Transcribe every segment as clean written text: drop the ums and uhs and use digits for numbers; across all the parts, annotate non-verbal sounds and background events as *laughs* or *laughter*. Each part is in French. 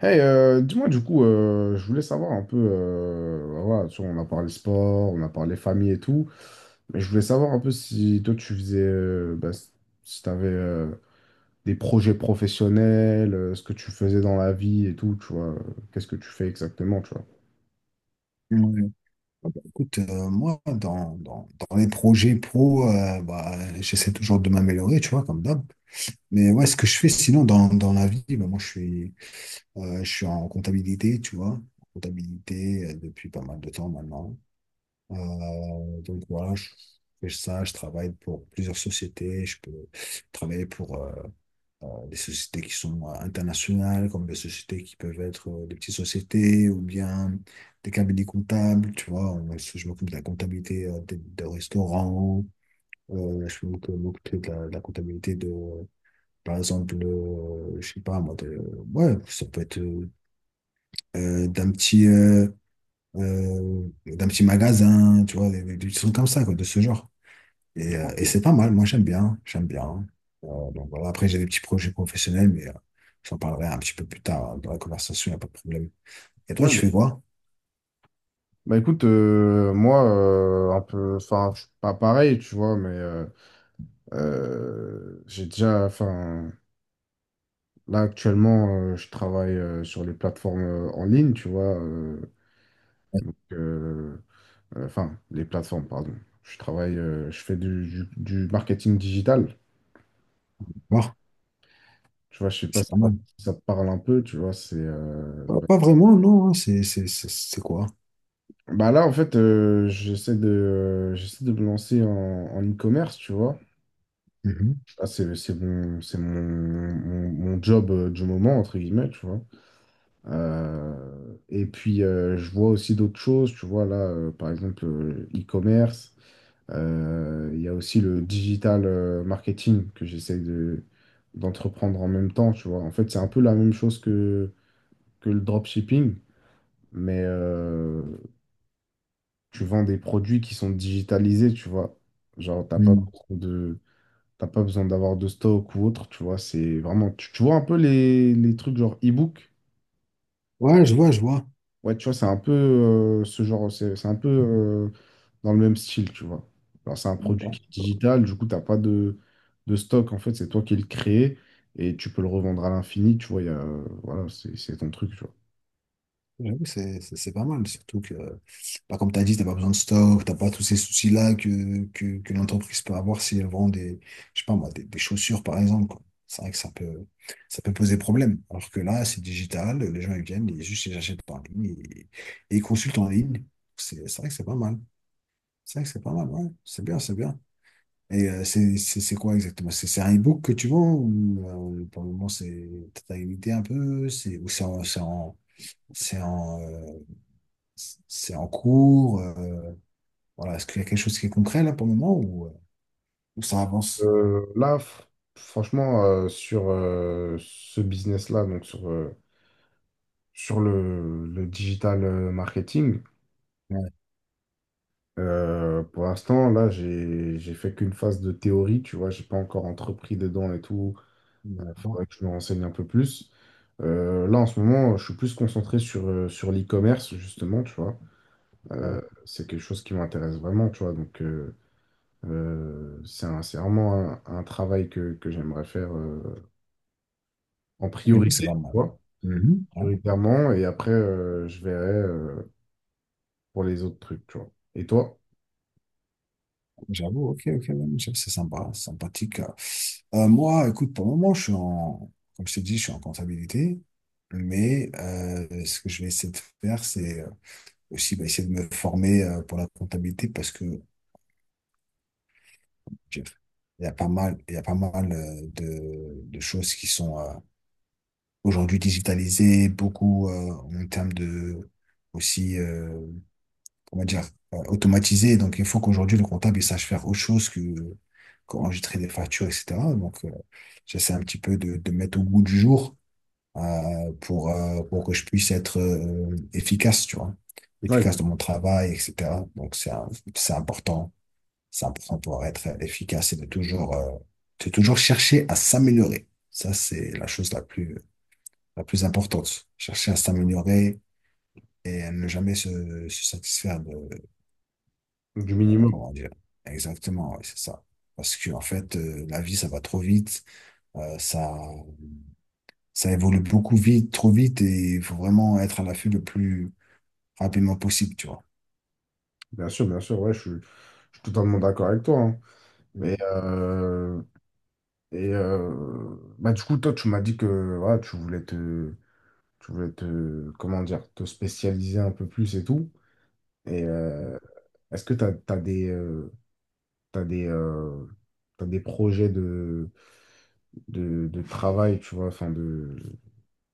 Dis-moi du coup, je voulais savoir un peu, bah voilà, tu vois, on a parlé sport, on a parlé famille et tout, mais je voulais savoir un peu si toi tu faisais, bah, si tu avais des projets professionnels, ce que tu faisais dans la vie et tout, tu vois, qu'est-ce que tu fais exactement, tu vois. Ouais. Ah bah, écoute, moi, dans les projets pro, bah, j'essaie toujours de m'améliorer, tu vois, comme d'hab. Mais ouais, ce que je fais sinon dans la vie, bah, moi, je suis en comptabilité, tu vois, en comptabilité depuis pas mal de temps maintenant. Donc voilà, je fais ça, je travaille pour plusieurs sociétés, je peux travailler pour. Des sociétés qui sont internationales, comme des sociétés qui peuvent être des petites sociétés ou bien des cabinets comptables, tu vois. Je m'occupe de la comptabilité des restaurants, je m'occupe de la comptabilité de, par exemple, le, je sais pas moi, de- ouais, ça peut être euh, d'un petit, euh, d'un petit magasin, tu vois, des trucs comme ça, quoi, de ce genre. Et c'est pas mal, moi j'aime bien, j'aime bien. Donc voilà, après j'ai des petits projets professionnels, mais j'en parlerai un petit peu plus tard hein, dans la conversation, il n'y a pas de problème. Et toi, Ouais, tu bah fais quoi? bah, écoute, moi, un peu, enfin, je suis pas pareil, tu vois, mais j'ai déjà, enfin, là actuellement, je travaille sur les plateformes en ligne, tu vois. Donc, enfin, les plateformes, pardon. Je travaille, je fais du, du marketing digital. Voir, Tu vois, je sais pas c'est si pas ça, mal. si ça te parle un peu, tu vois, c'est Pas, ouais. pas vraiment, non, hein, c'est quoi? Bah là, en fait, j'essaie de me lancer en, en e-commerce, tu vois. Mhm. Ah, c'est mon job du moment, entre guillemets, tu vois. Et puis, je vois aussi d'autres choses, tu vois, là, par exemple, e-commerce. Il y a aussi le digital marketing que j'essaie de, d'entreprendre en même temps, tu vois. En fait, c'est un peu la même chose que le dropshipping, mais tu vends des produits qui sont digitalisés, tu vois. Genre, Mm. T'as pas besoin d'avoir de stock ou autre, tu vois. C'est vraiment, tu vois un peu les trucs genre e-book. Ouais, je vois, je vois. Ouais, tu vois, c'est un peu ce genre, c'est un peu dans le même style, tu vois. Alors, c'est un produit Bah, qui est digital, du coup, t'as pas de, de stock, en fait, c'est toi qui le crée et tu peux le revendre à l'infini, tu vois, voilà, c'est ton truc, tu vois. j'avoue, c'est pas mal, surtout que, bah, comme tu as dit, tu pas besoin de stock, tu pas tous ces soucis-là que l'entreprise peut avoir si elle vend des, je sais pas moi, des chaussures, par exemple, quoi. C'est vrai que ça peut poser problème. Alors que là, c'est digital, les gens ils viennent, ils juste ils achètent par ligne et ils consultent en ligne. C'est vrai que c'est pas mal. C'est vrai que c'est pas mal, ouais. C'est bien, c'est bien. Et c'est quoi exactement? C'est un e-book que tu vends ou pour le moment, c'est, t'as une idée un peu, c'est, ou c'est en, c'est en, c'est en, c'est en cours. Voilà. Est-ce qu'il y a quelque chose qui est concret là pour le moment ou ça avance? Là, franchement, sur ce business-là, donc sur le digital marketing, Ouais, pour l'instant, là, j'ai fait qu'une phase de théorie, tu vois, j'ai pas encore entrepris dedans et tout on attend. faudrait que je me renseigne un peu plus. Là, en ce moment, je suis plus concentré sur, sur l'e-commerce, justement, tu vois. Ouais. C'est quelque chose qui m'intéresse vraiment, tu vois. Donc, c'est vraiment un travail que j'aimerais faire en Mais nous, c'est priorité, pas tu mal. vois, Mhm. Ouais, prioritairement. Et après, je verrai, pour les autres trucs, tu vois. Et toi? j'avoue, ok, ok, ouais, mais c'est sympa, c'est sympathique. Moi, écoute, pour le moment, je suis en, comme je t'ai dit, je suis en comptabilité, mais ce que je vais essayer de faire, c'est aussi bah, essayer de me former pour la comptabilité parce que je- il y a pas mal, il y a pas mal de choses qui sont, aujourd'hui digitalisé, beaucoup en termes de aussi, comment dire, automatisé. Donc, il faut qu'aujourd'hui, le comptable, il sache faire autre chose que qu'enregistrer des factures, etc. Donc, j'essaie un petit peu de mettre au goût du jour pour que je puisse être efficace, tu vois, Ouais, bien efficace sûr. dans mon travail, etc. Donc, c'est important. C'est important pour être efficace et de toujours chercher à s'améliorer. Ça, c'est la chose la plus importante. Chercher à s'améliorer et à ne jamais se, se satisfaire de, de- Du minimum. comment dire. Exactement, oui, c'est ça. Parce que en fait, la vie, ça va trop vite, euh, ça, ça évolue beaucoup vite, trop vite, et il faut vraiment être à l'affût le plus rapidement possible, tu vois. Bien sûr, ouais, je suis totalement d'accord avec toi, hein. Et, Mm. Bah, du coup, toi, tu m'as dit que voilà, tu voulais te, comment dire, te spécialiser un peu plus et tout. Et est-ce que tu as, des, t'as des, t'as des projets de, de travail, tu vois, enfin de...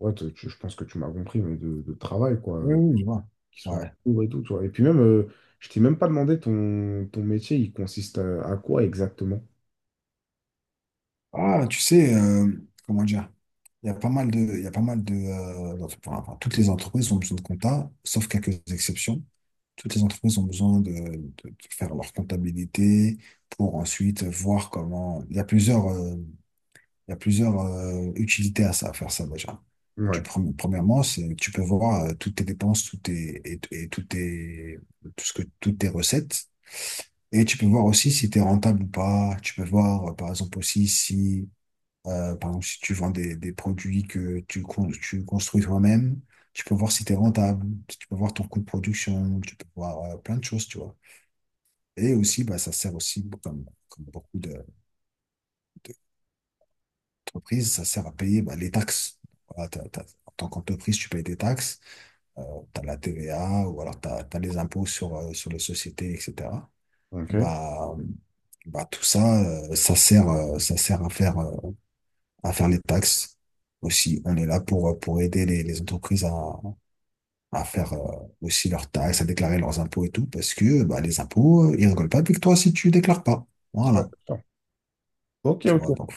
Ouais, je pense que tu m'as compris, mais de travail, quoi, Oui, oui, je vois. qui sont en Ouais. cours et tout, tu vois. Et puis même, je t'ai même pas demandé ton, ton métier, il consiste à quoi exactement? Ah, tu sais, comment dire? Il y a pas mal de, enfin, toutes les entreprises ont besoin de compta, sauf quelques exceptions. Toutes les entreprises ont besoin de, de faire leur comptabilité pour ensuite voir comment. Il y a plusieurs utilités à ça, à faire ça déjà. Ouais, Premièrement, c'est tu peux voir toutes tes dépenses, et toutes tes, toutes tes recettes. Et tu peux voir aussi si tu es rentable ou pas. Tu peux voir, par exemple, aussi si, par exemple, si tu vends des produits que tu, tu construis toi-même. Tu peux voir si tu es rentable, tu peux voir ton coût de production, tu peux voir plein de choses, tu vois. Et aussi, bah, ça sert aussi, comme beaucoup d'entreprises, ça sert à payer bah, les taxes. Voilà, en tant qu'entreprise, tu payes des taxes, euh, tu as la TVA ou alors tu as, les impôts sur, sur les sociétés, etc. ok. Ouais, Bah, bah, tout ça, ça sert à faire les taxes aussi. On est là pour aider les entreprises à faire aussi leurs taxes, à déclarer leurs impôts et tout, parce que bah, les impôts, ils rigolent pas avec toi si tu déclares pas. Voilà. d'accord. Ok, Tu vois, ok, donc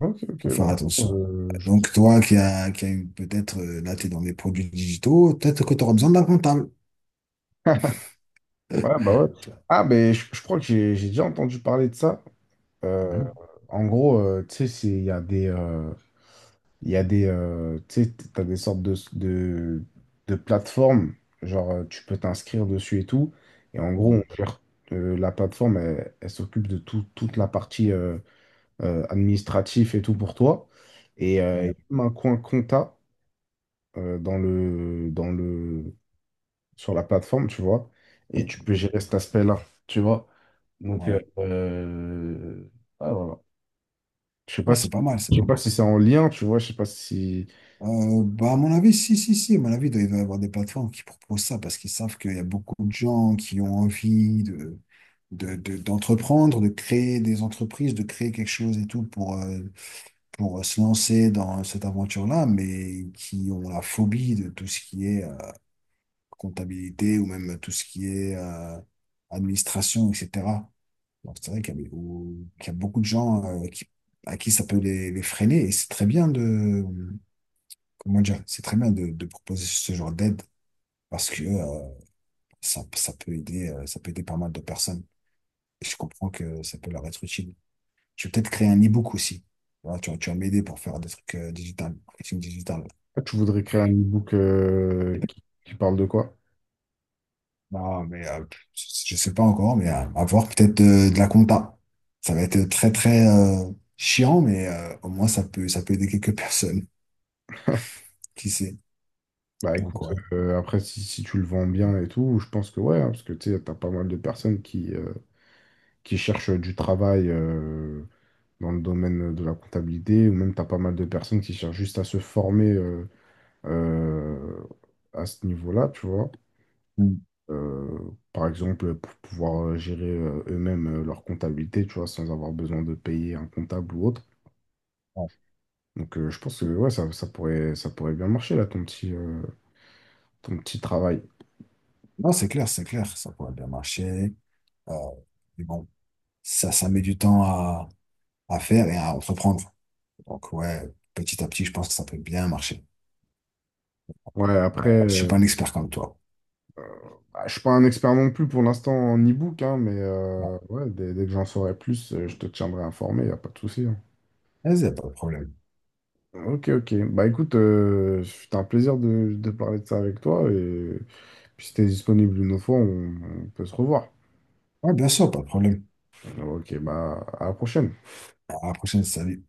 ok, ok, faut ouais. faire attention. Euh, je dis- Donc, toi qui a peut-être, là, tu es dans les produits digitaux, peut-être que tu auras besoin d'un comptable. ouais, bah ouais. Tu vois. Ah, ben, je crois que j'ai déjà entendu parler de ça. Euh, Mhm. en gros, tu sais, c'est- il y a des... Il y a des, tu sais, t'as des sortes de plateformes, genre tu peux t'inscrire dessus et tout. Et en gros, Ouais, la plateforme, elle, elle s'occupe de toute la partie administrative et tout pour toi. Et il y ouais, a même un coin compta euh, dans le, dans le, sur la plateforme, tu vois. Et tu peux gérer cet aspect-là, tu vois. Donc, euh, ouais. euh, ah, voilà. Je sais pas Ouais, si, c'est pas mal, c'est je sais pas pas mal. si c'est en lien, tu vois. Je sais pas si. Bah, à mon avis, si, à mon avis, il doit y avoir des plateformes qui proposent ça parce qu'ils savent qu'il y a beaucoup de gens qui ont envie de, d'entreprendre, de créer des entreprises, de créer quelque chose et tout pour se lancer dans cette aventure-là, mais qui ont la phobie de tout ce qui est comptabilité ou même tout ce qui est administration, etc. Donc c'est vrai qu'il y a, qu'il y a beaucoup de gens qui, à qui ça peut les freiner et c'est très bien de, comment dire, c'est très bien de proposer ce genre d'aide parce que ça, ça peut aider pas mal de personnes. Et je comprends que ça peut leur être utile. Je vais peut-être créer un e-book aussi. Voilà, tu, tu vas m'aider pour faire des trucs digital, marketing digital. Ah, tu voudrais créer un e-book qui parle de quoi? Non, mais je sais pas encore, mais à voir peut-être de, la compta. Ça va être très très chiant, mais au moins ça peut aider quelques *laughs* personnes. Qui sait? Bah Donc écoute, ouais. Après si, si tu le vends bien et tout, je pense que ouais, hein, parce que tu sais, t'as pas mal de personnes qui cherchent du travail dans le domaine de la comptabilité, ou même t'as pas mal de personnes qui cherchent juste à se former euh, à ce niveau-là, tu vois. Mm. Euh, Par exemple, pour pouvoir gérer eux-mêmes leur comptabilité, tu vois, sans avoir besoin de payer un comptable ou autre. Ouais. Donc je pense que ouais, ça, ça pourrait bien marcher là, ton petit travail. Non, c'est clair, ça pourrait bien marcher. Euh, mais bon, ça met du temps à faire et à entreprendre. Donc ouais, petit à petit, je pense que ça peut bien marcher. Ouais, après, Je suis pas un expert comme toi. bah, je suis pas un expert non plus pour l'instant en e-book, hein, mais Ouais. euh, ouais, dès, dès que j'en saurai plus, je te tiendrai informé, y a pas de souci, hein. Vas-y, y a pas de problème. Ok, ok. Bah écoute, c'était un plaisir de parler de ça avec toi, et puis si t'es disponible une autre fois, on peut se revoir. Ouais, bien sûr, pas de problème. Ok, bah à la prochaine. À la prochaine, salut.